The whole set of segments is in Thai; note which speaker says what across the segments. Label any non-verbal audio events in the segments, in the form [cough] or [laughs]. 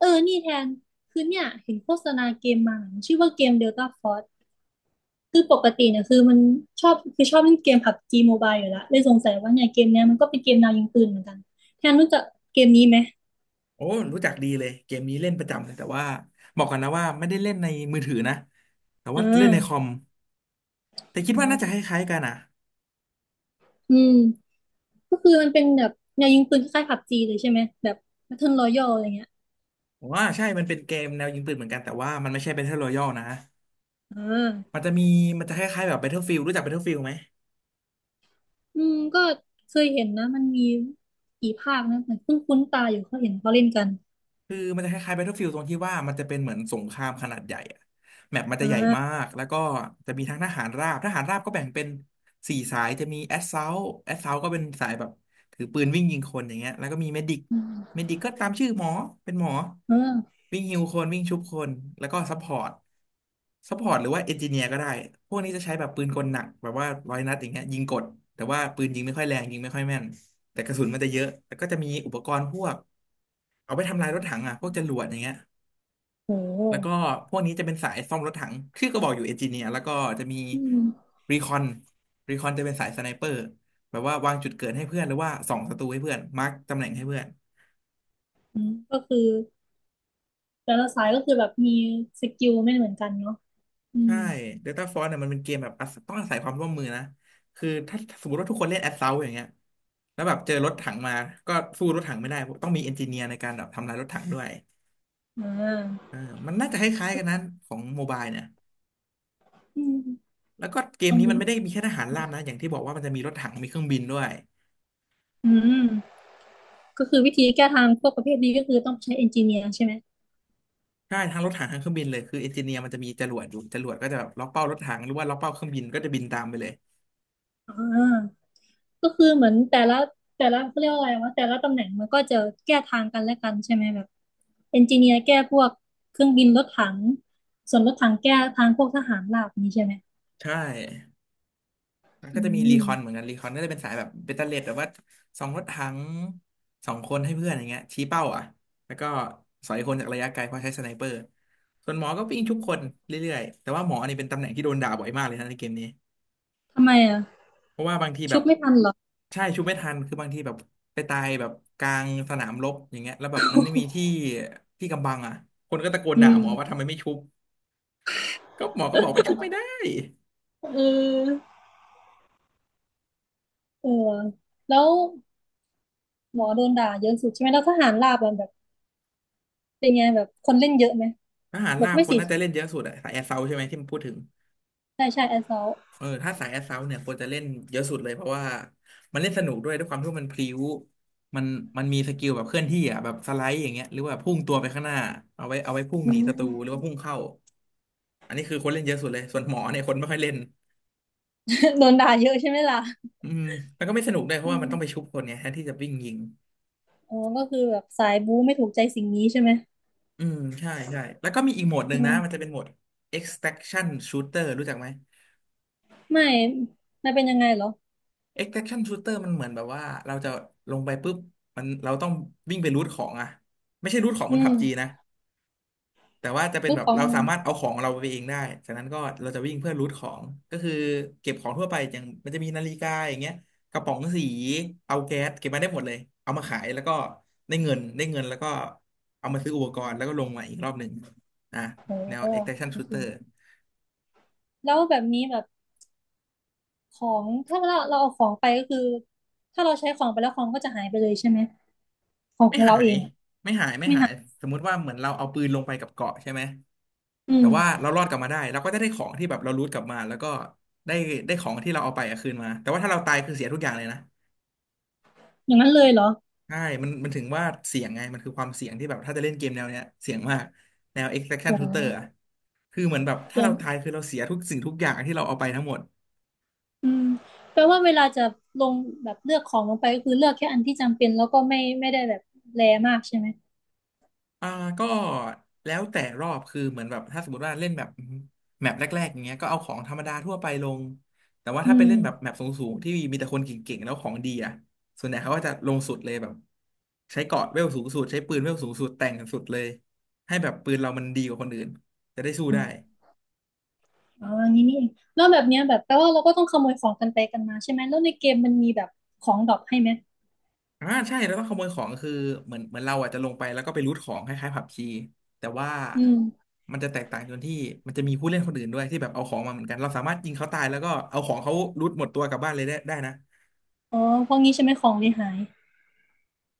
Speaker 1: เออ นี่แทน คือเนี่ยเห็นโฆษณาเกมมาชื่อว่าเกม Delta Force คือปกติเนี่ยคือมันชอบเล่นเกม PUBG Mobile อยู่แล้วเลยสงสัยว่าเนี่ยเกมเนี้ยมันก็เป็นเกมแนวยิงปืนเหมือนกัน แทนรู้จักเกมนี้ไหม
Speaker 2: โอ้รู้จักดีเลยเกมนี้เล่นประจำเลยแต่ว่าบอกกันนะว่าไม่ได้เล่นในมือถือนะแต่ว่า
Speaker 1: อ่
Speaker 2: เล่นในคอ
Speaker 1: า
Speaker 2: มแต่คิดว่าน่าจะค
Speaker 1: โห
Speaker 2: ล้ายๆกันอ่ะ
Speaker 1: อืมก็คือมันเป็นแบบแนวยิงปืนคล้ายๆ PUBG เลยใช่ไหม แบบ Battle Royale อะไรเงี้ย
Speaker 2: ว่าใช่มันเป็นเกมแนวยิงปืนเหมือนกันแต่ว่ามันไม่ใช่ Battle Royale นะ
Speaker 1: อ่
Speaker 2: มัน
Speaker 1: า
Speaker 2: จะมีมันจะคล้ายๆแบบ Battlefield รู้จัก Battlefield ไหม
Speaker 1: อืมก็เคยเห็นนะมันมีกี่ภาคนะแต่เพิ่งคุ้นตาอยู่เขาเห็นเขาเล่นกัน
Speaker 2: คือมันจะคล้ายๆ Battlefield ตรงที่ว่ามันจะเป็นเหมือนสงครามขนาดใหญ่อะแมปมันจะ
Speaker 1: อ่
Speaker 2: ใหญ่มา
Speaker 1: า
Speaker 2: กแล้วก็จะมีทั้งทหารราบก็แบ่งเป็นสี่สายจะมี Assault ก็เป็นสายแบบถือปืนวิ่งยิงคนอย่างเงี้ยแล้วก็มี
Speaker 1: อืม
Speaker 2: Medic ก็ตามชื่อหมอเป็นหมอ
Speaker 1: เออ
Speaker 2: วิ่งฮิวคนวิ่งชุบคนแล้วก็ Support หรือว่า Engineer ก็ได้พวกนี้จะใช้แบบปืนกลหนักแบบว่าร้อยนัดอย่างเงี้ยยิงกดแต่ว่าปืนยิงไม่ค่อยแรงยิงไม่ค่อยแม่นแต่กระสุนมันจะเยอะแล้วก็จะมีอุปกรณ์พวก เอาไปทำลายรถถังอ่ะพวกจรวดอย่างเงี้ย
Speaker 1: โ
Speaker 2: แล้วก็
Speaker 1: ห
Speaker 2: พวกนี้จะเป็นสายซ่อมรถถังชื่อก็บอกอยู่เอนจิเนียร์แล้วก็จะมี
Speaker 1: อืม
Speaker 2: รีคอนรีคอนจะเป็นสายสไนเปอร์แบบว่าวางจุดเกิดให้เพื่อนหรือว่าส่องศัตรูให้เพื่อนมาร์กตำแหน่งให้เพื่อน
Speaker 1: อืมก็คือ แต่ละสายก็คือแบบมีสกิลไม่เหมือนกันเนาะอื
Speaker 2: ใช่
Speaker 1: ม
Speaker 2: เดลต้าฟอร์เนี่ยมันเป็นเกมแบบอาศัยต้องอาศัยความร่วมมือนะคือถ้าสมมติว่าทุกคนเล่นแอ s ซ u ลตอย่างเงี้ยแล้วแบบเจอรถถังมาก็สู้รถถังไม่ได้ต้องมีเอนจิเนียร์ในการแบบทำลายรถถังด้วย
Speaker 1: อ่
Speaker 2: เอ
Speaker 1: า
Speaker 2: อมันน่าจะคล้ายๆกันนั้นของโมบายเนี่ย
Speaker 1: อืม
Speaker 2: แล้วก็เก
Speaker 1: ล
Speaker 2: ม
Speaker 1: อง
Speaker 2: นี้
Speaker 1: ดู
Speaker 2: มันไม่ได้มีแค่ทหารราบนะอย่างที่บอกว่ามันจะมีรถถังมีเครื่องบินด้วย
Speaker 1: อืมก็คือวิธีแก้ทางพวกประเภทนี้ก็คือต้องใช้เอนจิเนียร์ใช่ไหม
Speaker 2: ใช่ทั้งรถถังทั้งเครื่องบินเลยคือเอนจิเนียร์มันจะมีจรวดอยู่จรวดก็จะแบบล็อกเป้ารถถังหรือว่าล็อกเป้าเครื่องบินก็จะบินตามไปเลย
Speaker 1: อ่าก็คือเหมือนแต่ละเขาเรียกว่าอะไรวะแต่ละตำแหน่งมันก็จะแก้ทางกันและกันใช่ไหมแบบเอนจิเนียร์แก้พวกเครื่องบินรถถังส่วนรถถังแก้ทางพวกทหารราบนี้ใช่ไหม
Speaker 2: ใช่แล้ว
Speaker 1: อื
Speaker 2: ก็จะมีรีคอนเหมือน
Speaker 1: ม
Speaker 2: กันรีคอนก็จะเป็นสายแบบเบตเตอเลดแบบว่าสองรถถังสองคนให้เพื่อนอย่างเงี้ยชี้เป้าอ่ะแล้วก็สอยคนจากระยะไกลเพราะใช้สไนเปอร์ส่วนหมอก็วิ่งทุกคนเรื่อยๆแต่ว่าหมอนี่เป็นตำแหน่งที่โดนด่าบ่อยมากเลยนะในเกมนี้
Speaker 1: ทำไมอ่ะ
Speaker 2: เพราะว่าบางทีแบ
Speaker 1: ชุ
Speaker 2: บ
Speaker 1: บไม่ทันเหรอ
Speaker 2: ใช่ชุบไม่ทันคือบางทีแบบไปตายแบบกลางสนามรบอย่างเงี้ยแล้วแบบมันไม่มีที่กำบังอ่ะคนก็ตะโกน
Speaker 1: อื
Speaker 2: ด่า
Speaker 1: ม
Speaker 2: หมอว่าทำไมไม่ชุบก็หมอก็บอกมันชุบไม่ได้
Speaker 1: เออเออ แล้ว หมอโดนด่าเยอะสุดใช่ไหมแล้วทหารราบอะแบบเป็นไงแบบคนเล่นเยอะไหม
Speaker 2: ทหาร
Speaker 1: แบบ
Speaker 2: ลาบ
Speaker 1: ไม่
Speaker 2: คน
Speaker 1: สิ
Speaker 2: น่าจะเล่นเยอะสุดอะสายแอสเซาใช่ไหมที่มันพูดถึง
Speaker 1: ใช่ใช่แอสซอล
Speaker 2: เออถ้าสายแอสเซาเนี่ยควรจะเล่นเยอะสุดเลยเพราะว่ามันเล่นสนุกด้วยด้วยความที่ว่ามันพลิ้วมันมันมีสกิลแบบเคลื่อนที่อ่ะแบบสไลด์อย่างเงี้ยหรือว่าพุ่งตัวไปข้างหน้าเอาไว้พุ่ง
Speaker 1: อื
Speaker 2: หนีศัตรูหรือ
Speaker 1: ม
Speaker 2: ว่าพุ่งเข้าอันนี้คือคนเล่นเยอะสุดเลยส่วนหมอเนี่ยคนไม่ค่อยเล่น
Speaker 1: [laughs] โดนด่าเยอะใช่ไหมล่ะ
Speaker 2: อืมแล้วก็ไม่สนุกด้วยเพ
Speaker 1: อื
Speaker 2: ราะว่ามัน
Speaker 1: ม
Speaker 2: ต้องไปชุบคนเนยแทนที่จะวิ่งยิง
Speaker 1: อ๋อก็คือแบบสายบู๊ไม่ถูกใจสิ่งนี้ใช่ไหม
Speaker 2: อืมใช่แล้วก็มีอีกโหมดหนึ่
Speaker 1: อื
Speaker 2: งนะมันจะ
Speaker 1: ม
Speaker 2: เป็นโหมด extraction shooter รู้จักไหม
Speaker 1: ไม่ไม่เป็นยังไงเหรอ
Speaker 2: extraction shooter มันเหมือนแบบว่าเราจะลงไปปุ๊บเราต้องวิ่งไปรูทของอะไม่ใช่รูทของบ
Speaker 1: อื
Speaker 2: น
Speaker 1: ม
Speaker 2: ผับจีนะ แต่ว่าจะเป็น
Speaker 1: ซื้อ
Speaker 2: แบบ
Speaker 1: ขอ
Speaker 2: เรา
Speaker 1: ง
Speaker 2: สามารถเอาของเราไปเองได้จากนั้นก็เราจะวิ่งเพื่อรูทของก็คือเก็บของทั่วไปอย่างมันจะมีนาฬิกาอย่างเงี้ยกระป๋องสีเอาแก๊สเก็บมาได้หมดเลยเอามาขายแล้วก็ได้เงินแล้วก็เอามาซื้ออุปกรณ์แล้วก็ลงมาอีกรอบหนึ่งอ่ะ
Speaker 1: โอ้
Speaker 2: แนว
Speaker 1: โห
Speaker 2: extraction
Speaker 1: โอเค
Speaker 2: shooter
Speaker 1: แล้วแบบนี้แบบของถ้าเราเอาของไปก็คือถ้าเราใช้ของไปแล้วของก็จะหายไปเลยใช่ไหมของ
Speaker 2: ไม่
Speaker 1: ของ
Speaker 2: หา
Speaker 1: เราเอ
Speaker 2: ย
Speaker 1: งอะ
Speaker 2: ไม่หายไม่
Speaker 1: ไม่
Speaker 2: หาย
Speaker 1: หาย
Speaker 2: สมมุติว่าเหมือนเราเอาปืนลงไปกับเกาะใช่ไหม
Speaker 1: อื
Speaker 2: แต่
Speaker 1: ม
Speaker 2: ว่าเรารอดกลับมาได้เราก็จะได้ของที่แบบเรารูทกลับมาแล้วก็ได้ได้ของที่เราเอาไปอะคืนมาแต่ว่าถ้าเราตายคือเสียทุกอย่างเลยนะ
Speaker 1: อย่างนั้นเลยเหรอ
Speaker 2: ใช่มันถึงว่าเสียงไงมันคือความเสี่ยงที่แบบถ้าจะเล่นเกมแนวเนี้ยเสี่ยงมากแนว
Speaker 1: โอ
Speaker 2: extraction
Speaker 1: ้
Speaker 2: shooter อะคือเหมือนแบบถ้าเราตาย
Speaker 1: เ
Speaker 2: คือเราเสียทุกสิ่งทุกอย่างที่เราเอาไปทั้งหมด
Speaker 1: อืมแปลว่าเวลาจะลงแบบเลือกของลงไปก็คือเลือกแค่อันที่จำเป็นแล้วก็ไม่ได้แบบแรมากใช่ไหม
Speaker 2: อ่าก็แล้วแต่รอบคือเหมือนแบบถ้าสมมติว่าเล่นแบบแมปแรกๆอย่างเงี้ยก็เอาของธรรมดาทั่วไปลงแต่ว่า
Speaker 1: อื
Speaker 2: ถ้าเป็นเล่นแบบ
Speaker 1: ม
Speaker 2: แมปสูงๆที่มีแต่คนเก่งๆแล้วของดีอ่ะส่วนใหญ่เขาก็จะลงสุดเลยแบบใช้เกราะเวลสูงสุดใช้ปืนเวลสูงสุดแต่งสุดเลยให้แบบปืนเรามันดีกว่าคนอื่นจะได้สู้
Speaker 1: อื
Speaker 2: ได้
Speaker 1: มอ๋ออย่างนี้นี่เองแล้วแบบเนี้ยแบบแปลว่าเราก็ต้องขโมยของกันไปกันมาใช่ไหมแล้วในเกมมันมีแบบของดรอปให้ไหม
Speaker 2: อ่าใช่แล้วก็ขโมยของคือเหมือนเราอ่ะจะลงไปแล้วก็ไปรูทของคล้ายๆผับจีแต่ว่า
Speaker 1: อืม
Speaker 2: มันจะแตกต่างตรงที่มันจะมีผู้เล่นคนอื่นด้วยที่แบบเอาของมาเหมือนกันเราสามารถยิงเขาตายแล้วก็เอาของเขารูทหมดตัวกลับบ้านเลยได้ได้นะ
Speaker 1: อ๋อพวกนี้ใช่ไหมของเลยหาย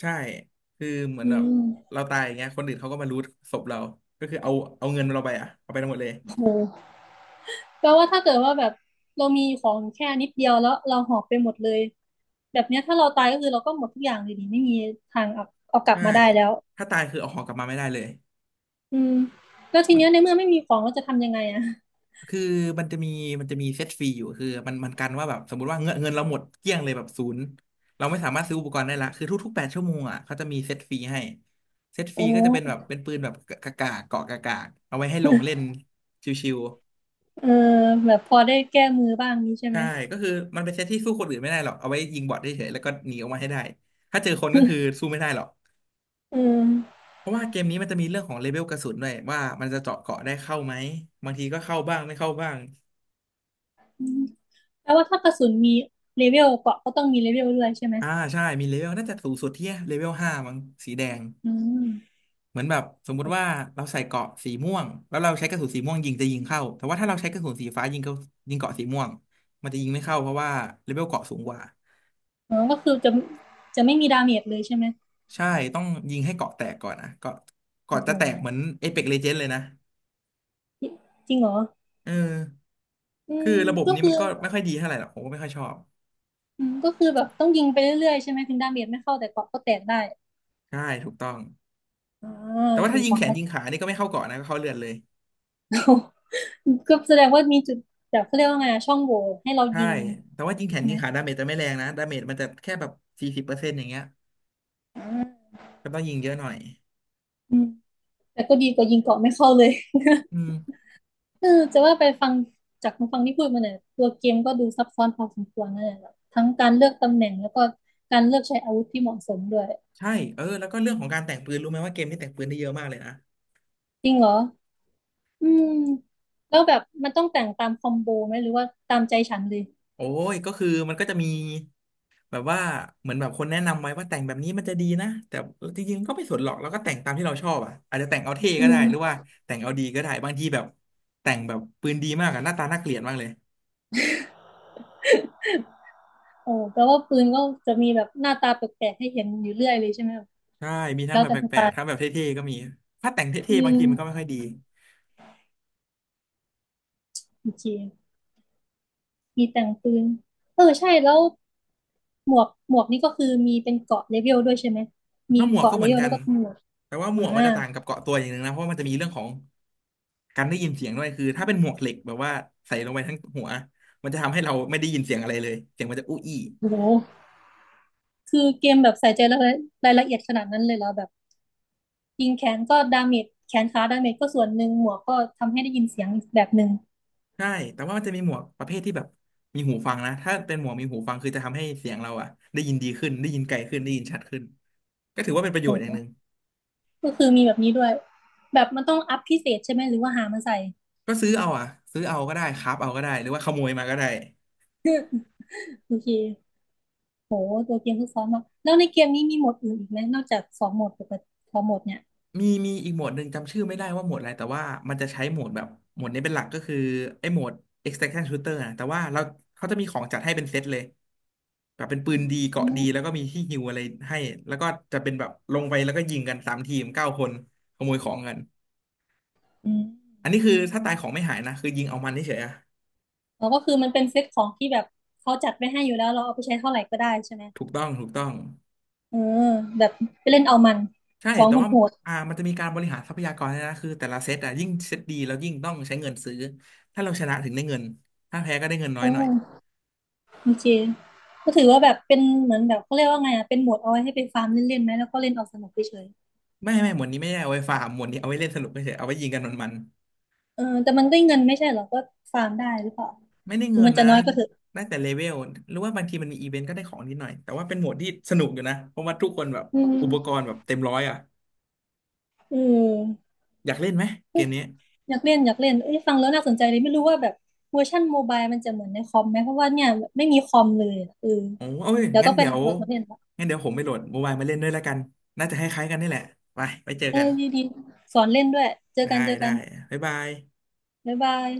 Speaker 2: ใช่คือเหมือน
Speaker 1: อื
Speaker 2: แบบ
Speaker 1: ม
Speaker 2: เราตายอย่างเงี้ยคนอื่นเขาก็มารูทศพเราก็คือเอาเอาเงินเราไปอ่ะเอาไปทั้งหมดเลย
Speaker 1: โหแปลว่าถ้าเกิดว่าแบบเรามีของแค่นิดเดียวแล้วเราหอบไปหมดเลยแบบเนี้ยถ้าเราตายก็คือเราก็หมดทุกอย่างเลยดิไม่มีทางเอาเอากลับ
Speaker 2: ใช่
Speaker 1: มาได้แล้ว
Speaker 2: ถ้าตายคือเอาของกลับมาไม่ได้เลย
Speaker 1: อืมแล้วที
Speaker 2: มัน
Speaker 1: เนี้ยในเมื่อไม่มีของเราจะทำยังไงอะ
Speaker 2: คือมันจะมีมันจะมีเซตฟรีอยู่คือมันมันกันว่าแบบสมมติว่าเงินเราหมดเกลี้ยงเลยแบบศูนย์เราไม่สามารถซื้ออุปกรณ์ได้ละคือทุกๆ8 ชั่วโมงอ่ะเขาจะมีเซตฟรีให้เซตฟรี
Speaker 1: โอ้
Speaker 2: ก็จะเป็นแบบเป็นปืนแบบกากาเกาะกากาเอาไว้ให้ลงเล่น
Speaker 1: [laughs]
Speaker 2: ชิว
Speaker 1: เออแบบพอได้แก้มือบ้างนี้ใช่
Speaker 2: ๆ
Speaker 1: ไหม
Speaker 2: ใช่ก็คือมันเป็นเซตที่สู้คนอื่นไม่ได้หรอกเอาไว้ยิงบอทเฉยๆแล้วก็หนีออกมาให้ได้ถ้าเจอคนก็คือสู้ไม่ได้หรอก
Speaker 1: เออ
Speaker 2: เพราะว่าเกมนี้มันจะมีเรื่องของเลเวลกระสุนด้วยว่ามันจะเจาะเกาะได้เข้าไหมบางทีก็เข้าบ้างไม่เข้าบ้าง
Speaker 1: อืมแปลว่าถ้ากระสุนมีเลเวลเกราะก็ต้องมีเลเวลด้วยใช่ไหม
Speaker 2: อ่าใช่มีเลเวลน่าจะสูงสุดที่เลเวล 5มั้งสีแดง
Speaker 1: อืม
Speaker 2: เหมือนแบบสมมุติว่าเราใส่เกราะสีม่วงแล้วเราใช้กระสุนสีม่วงยิงจะยิงเข้าแต่ว่าถ้าเราใช้กระสุนสีฟ้ายิงเข้ายิงเกราะสีม่วงมันจะยิงไม่เข้าเพราะว่าเลเวลเกราะสูงกว่า
Speaker 1: อ๋อก็คือจะไม่มีดาเมจเลยใช่ไหม
Speaker 2: ใช่ต้องยิงให้เกราะแตกก่อนนะเกราะเกราะ
Speaker 1: โอ้โห
Speaker 2: จะแตกเหมือนเอ e ป l กเลเจนด์ Legends เลยนะ
Speaker 1: จริจริงเหรอ
Speaker 2: เออ
Speaker 1: อื
Speaker 2: คือ
Speaker 1: ม
Speaker 2: ระบบ
Speaker 1: ก็
Speaker 2: นี้
Speaker 1: คื
Speaker 2: มั
Speaker 1: อ
Speaker 2: นก็ไม่ค่อยดีเท่าไหร่หรอกผมก็ไม่ค่อยชอบ
Speaker 1: อืมก็คือแบบต้องยิงไปเรื่อยๆใช่ไหมถึงดาเมจไม่เข้าแต่เกราะก็แตกได้
Speaker 2: ใช่ถูกต้อง
Speaker 1: อ่า
Speaker 2: แต่
Speaker 1: โอ
Speaker 2: ว่า
Speaker 1: เค
Speaker 2: ถ้ายิ
Speaker 1: พ
Speaker 2: ง
Speaker 1: อ
Speaker 2: แขน
Speaker 1: เข้า
Speaker 2: ยิ
Speaker 1: ใจ
Speaker 2: งขานี่ก็ไม่เข้าเกราะนะก็เข้าเลือดเลย
Speaker 1: [laughs] ก็แสดงว่ามีจุดแบบเขาเรียกว่าไงอะช่องโหว่ให้เรา
Speaker 2: ใช่
Speaker 1: ยิง
Speaker 2: แต่ว่ายิงแขน
Speaker 1: ใช่
Speaker 2: ยิ
Speaker 1: ไหม
Speaker 2: งขาดาเมจจะไม่แรงนะดาเมจมันจะแค่แบบ40%อย่างเงี้ย ก็ต้องยิงเยอะหน่อย
Speaker 1: อืม แต่ก็ดีกว่ายิงเกาะไม่เข้าเลย
Speaker 2: อืม
Speaker 1: [laughs] เออจะว่าไปฟังจากฟังที่พูดมาเนี่ยตัวเกมก็ดูซับซ้อนพอสมควรนะเนี่ยแบบทั้งการเลือกตำแหน่งแล้วก็การเลือกใช้อาวุธที่เหมาะสมด้วย
Speaker 2: ใช่แล้วก็เรื่องของการแต่งปืนรู้ไหมว่าเกมนี้แต่งปืนได้เยอะมากเลยนะ
Speaker 1: จริงเหรออืมแล้วแบบมันต้องแต่งตามคอมโบไหมหรือว่าตามใจฉันเลย
Speaker 2: โอ้ยก็คือมันก็จะมีแบบว่าเหมือนแบบคนแนะนำไว้ว่าแต่งแบบนี้มันจะดีนะแต่จริงๆก็ไม่สนหรอกแล้วก็แต่งตามที่เราชอบอ่ะอาจจะแต่งเอาเท่
Speaker 1: อื
Speaker 2: ก็ได้
Speaker 1: ม
Speaker 2: หรือว่าแต่งเอาดีก็ได้บางทีแบบแต่งแบบปืนดีมากอะหน้าตาน่าเกลียดมากเลย
Speaker 1: โอ้แปลว่าปืนก็จะมีแบบหน้าตาแปลกๆให้เห็นอยู่เรื่อยเลยใช่ไหมแบ
Speaker 2: ใช่มีทั้
Speaker 1: แล้
Speaker 2: ง
Speaker 1: ว
Speaker 2: แบบ
Speaker 1: แต่
Speaker 2: แป
Speaker 1: สไต
Speaker 2: ลก
Speaker 1: ล์
Speaker 2: ๆทั้งแบบเท่ๆก็มีถ้าแต่ง
Speaker 1: อื
Speaker 2: เท่ๆบาง
Speaker 1: ม
Speaker 2: ทีมันก็ไม่ค่อยดี
Speaker 1: โอเคมีแต่งปืนเออใช่แล้วหมวกนี่ก็คือมีเป็นเกราะเลเวลด้วยใช่ไหมมี
Speaker 2: ถ้าหมว
Speaker 1: เก
Speaker 2: ก
Speaker 1: ราะ
Speaker 2: ก็
Speaker 1: เล
Speaker 2: เหมือ
Speaker 1: เว
Speaker 2: น
Speaker 1: ล
Speaker 2: กั
Speaker 1: แล้
Speaker 2: น
Speaker 1: วก็หมวก
Speaker 2: แต่ว่าหม
Speaker 1: อ่า
Speaker 2: วกมันจะต่างกับเกาะตัวอย่างหนึ่งนะเพราะว่ามันจะมีเรื่องของ การได้ยินเสียงด้วยคือถ้าเป็นหมวกเหล็กแบบว่าใส่ลงไปทั้งหัวมันจะทำให้เราไม่ได้ยินเสียงอะไรเลยเสียงมันจะอู้อี้
Speaker 1: โอ้โห คือเกมแบบใส่ใจรายละเอียดขนาดนั้นเลยเหรอแบบยิงแขนก็ดาเมจแขนขาดาเมจก็ส่วนหนึ่งหมวกก็ทำให้ได้ยินเสียงอีกแบบหนึ่ง
Speaker 2: ใช่แต่ว่ามันจะมีหมวกประเภทที่แบบมีหูฟังนะถ้าเป็นหมวกมีหูฟังคือจะทำให้เสียงเราอะได้ยินดีขึ้นได้ยินไกลขึ้นได้ยินชัดขึ้นก็ถือว่าเป็นประโยช
Speaker 1: โอ้
Speaker 2: น์อ
Speaker 1: โห
Speaker 2: ย่างหนึ่ง
Speaker 1: ก็คือมีแบบนี้ด้วยแบบมันต้องอัพพิเศษใช่ไหมหรือว่าหามาใส่
Speaker 2: ก็ซื้อเอาอะซื้อเอาก็ได้ครับเอาก็ได้หรือว่าขโมยมาก็ได้
Speaker 1: โอเคโหตัวเกมซับซ้อนมากแล้วในเกมนี้มีโหมดอื่นอีกไหมนอกจากสองโหมดปกติสองโหมดเนี่ย
Speaker 2: มีอีกโหมดหนึ่งจำชื่อไม่ได้ว่าโหมดอะไรแต่ว่ามันจะใช้โหมดแบบโหมดนี้เป็นหลักก็คือไอ้โหมด extraction shooter นะแต่ว่าเราเขาจะมีของจัดให้เป็นเซตเลยแบบเป็นปืนดีเก
Speaker 1: อื
Speaker 2: ราะดี
Speaker 1: ม
Speaker 2: แล้วก็มีที่ฮิวอะไรให้แล้วก็จะเป็นแบบลงไปแล้วก็ยิงกัน3 ทีม 9 คนขโมยของกัน
Speaker 1: อืม
Speaker 2: อันนี้คือถ้าตายของไม่หายนะคือยิงเอามันเฉยๆอะ
Speaker 1: แล้วก็คือมันเป็นเซตของที่แบบเขาจัดไว้ให้อยู่แล้วเราเอาไปใช้เท่าไหร่ก็ได้ใช่ไหม
Speaker 2: ถูกต้องถูกต้อง
Speaker 1: เออแบบไปเล่นเอามัน
Speaker 2: ใช่
Speaker 1: ของ
Speaker 2: แต่ว่า
Speaker 1: โหด
Speaker 2: มันจะมีการบริหารทรัพยากรด้วยนะคือแต่ละเซตอะยิ่งเซตดีแล้วยิ่งต้องใช้เงินซื้อถ้าเราชนะถึงได้เงินถ้าแพ้ก็ได้เงินน้อยหน่อย
Speaker 1: โอ โอเคก็ถือว่าแบบเป็นเหมือนแบบเขาเรียกว่าไงอ่ะเป็นโหมดเอาไว้ให้ไปฟาร์มเล่นๆไหมแล้วก็เล่นเอาสนุกเฉย
Speaker 2: ไม่ไม่หมวดนี้ไม่ได้เอาไว้ฟาร์มหมวดนี้เอาไว้เล่นสนุกเฉยๆเอาไว้ยิงกันมัน
Speaker 1: ๆเออแต่มันได้เงินไม่ใช่เหรอก็ฟาร์มได้หรือเปล่า
Speaker 2: ๆไม่ได้
Speaker 1: ถึง
Speaker 2: เงิน
Speaker 1: มันจะ
Speaker 2: นะ
Speaker 1: น้อยก็เถอะ
Speaker 2: ได้แต่เลเวลหรือว่าบางทีมันมีอีเวนต์ก็ได้ของนิดหน่อยแต่ว่าเป็นหมวดที่สนุกอยู่นะเพราะว่าทุกคนแบบ
Speaker 1: อืม
Speaker 2: อุปกรณ์แบบเต็มร้อยอ่ะ
Speaker 1: เออ
Speaker 2: อยากเล่นไหมเก
Speaker 1: เอ้ย
Speaker 2: มนี้
Speaker 1: อยากเล่นเอ้ยฟังแล้วน่าสนใจเลยไม่รู้ว่าแบบเวอร์ชันโมบายมันจะเหมือนในคอมไหมเพราะว่าเนี่ยไม่มีคอมเลยอะเออ
Speaker 2: โอ้โอ้ย
Speaker 1: เดี๋ยว
Speaker 2: งั้
Speaker 1: ต้
Speaker 2: น
Speaker 1: องไป
Speaker 2: เดี๋ย
Speaker 1: หา
Speaker 2: ว
Speaker 1: โหลดมาเล่นละ
Speaker 2: ผมไปโหลดโมบายมาเล่นด้วยแล้วกันน่าจะคล้ายๆกันนี่แหละไปไปเจอ
Speaker 1: เออ
Speaker 2: กัน
Speaker 1: ดีๆสอนเล่นด้วยเจอ
Speaker 2: ได้
Speaker 1: กันเจอ
Speaker 2: ได้
Speaker 1: กัน
Speaker 2: บ๊ายบาย
Speaker 1: บ๊ายบาย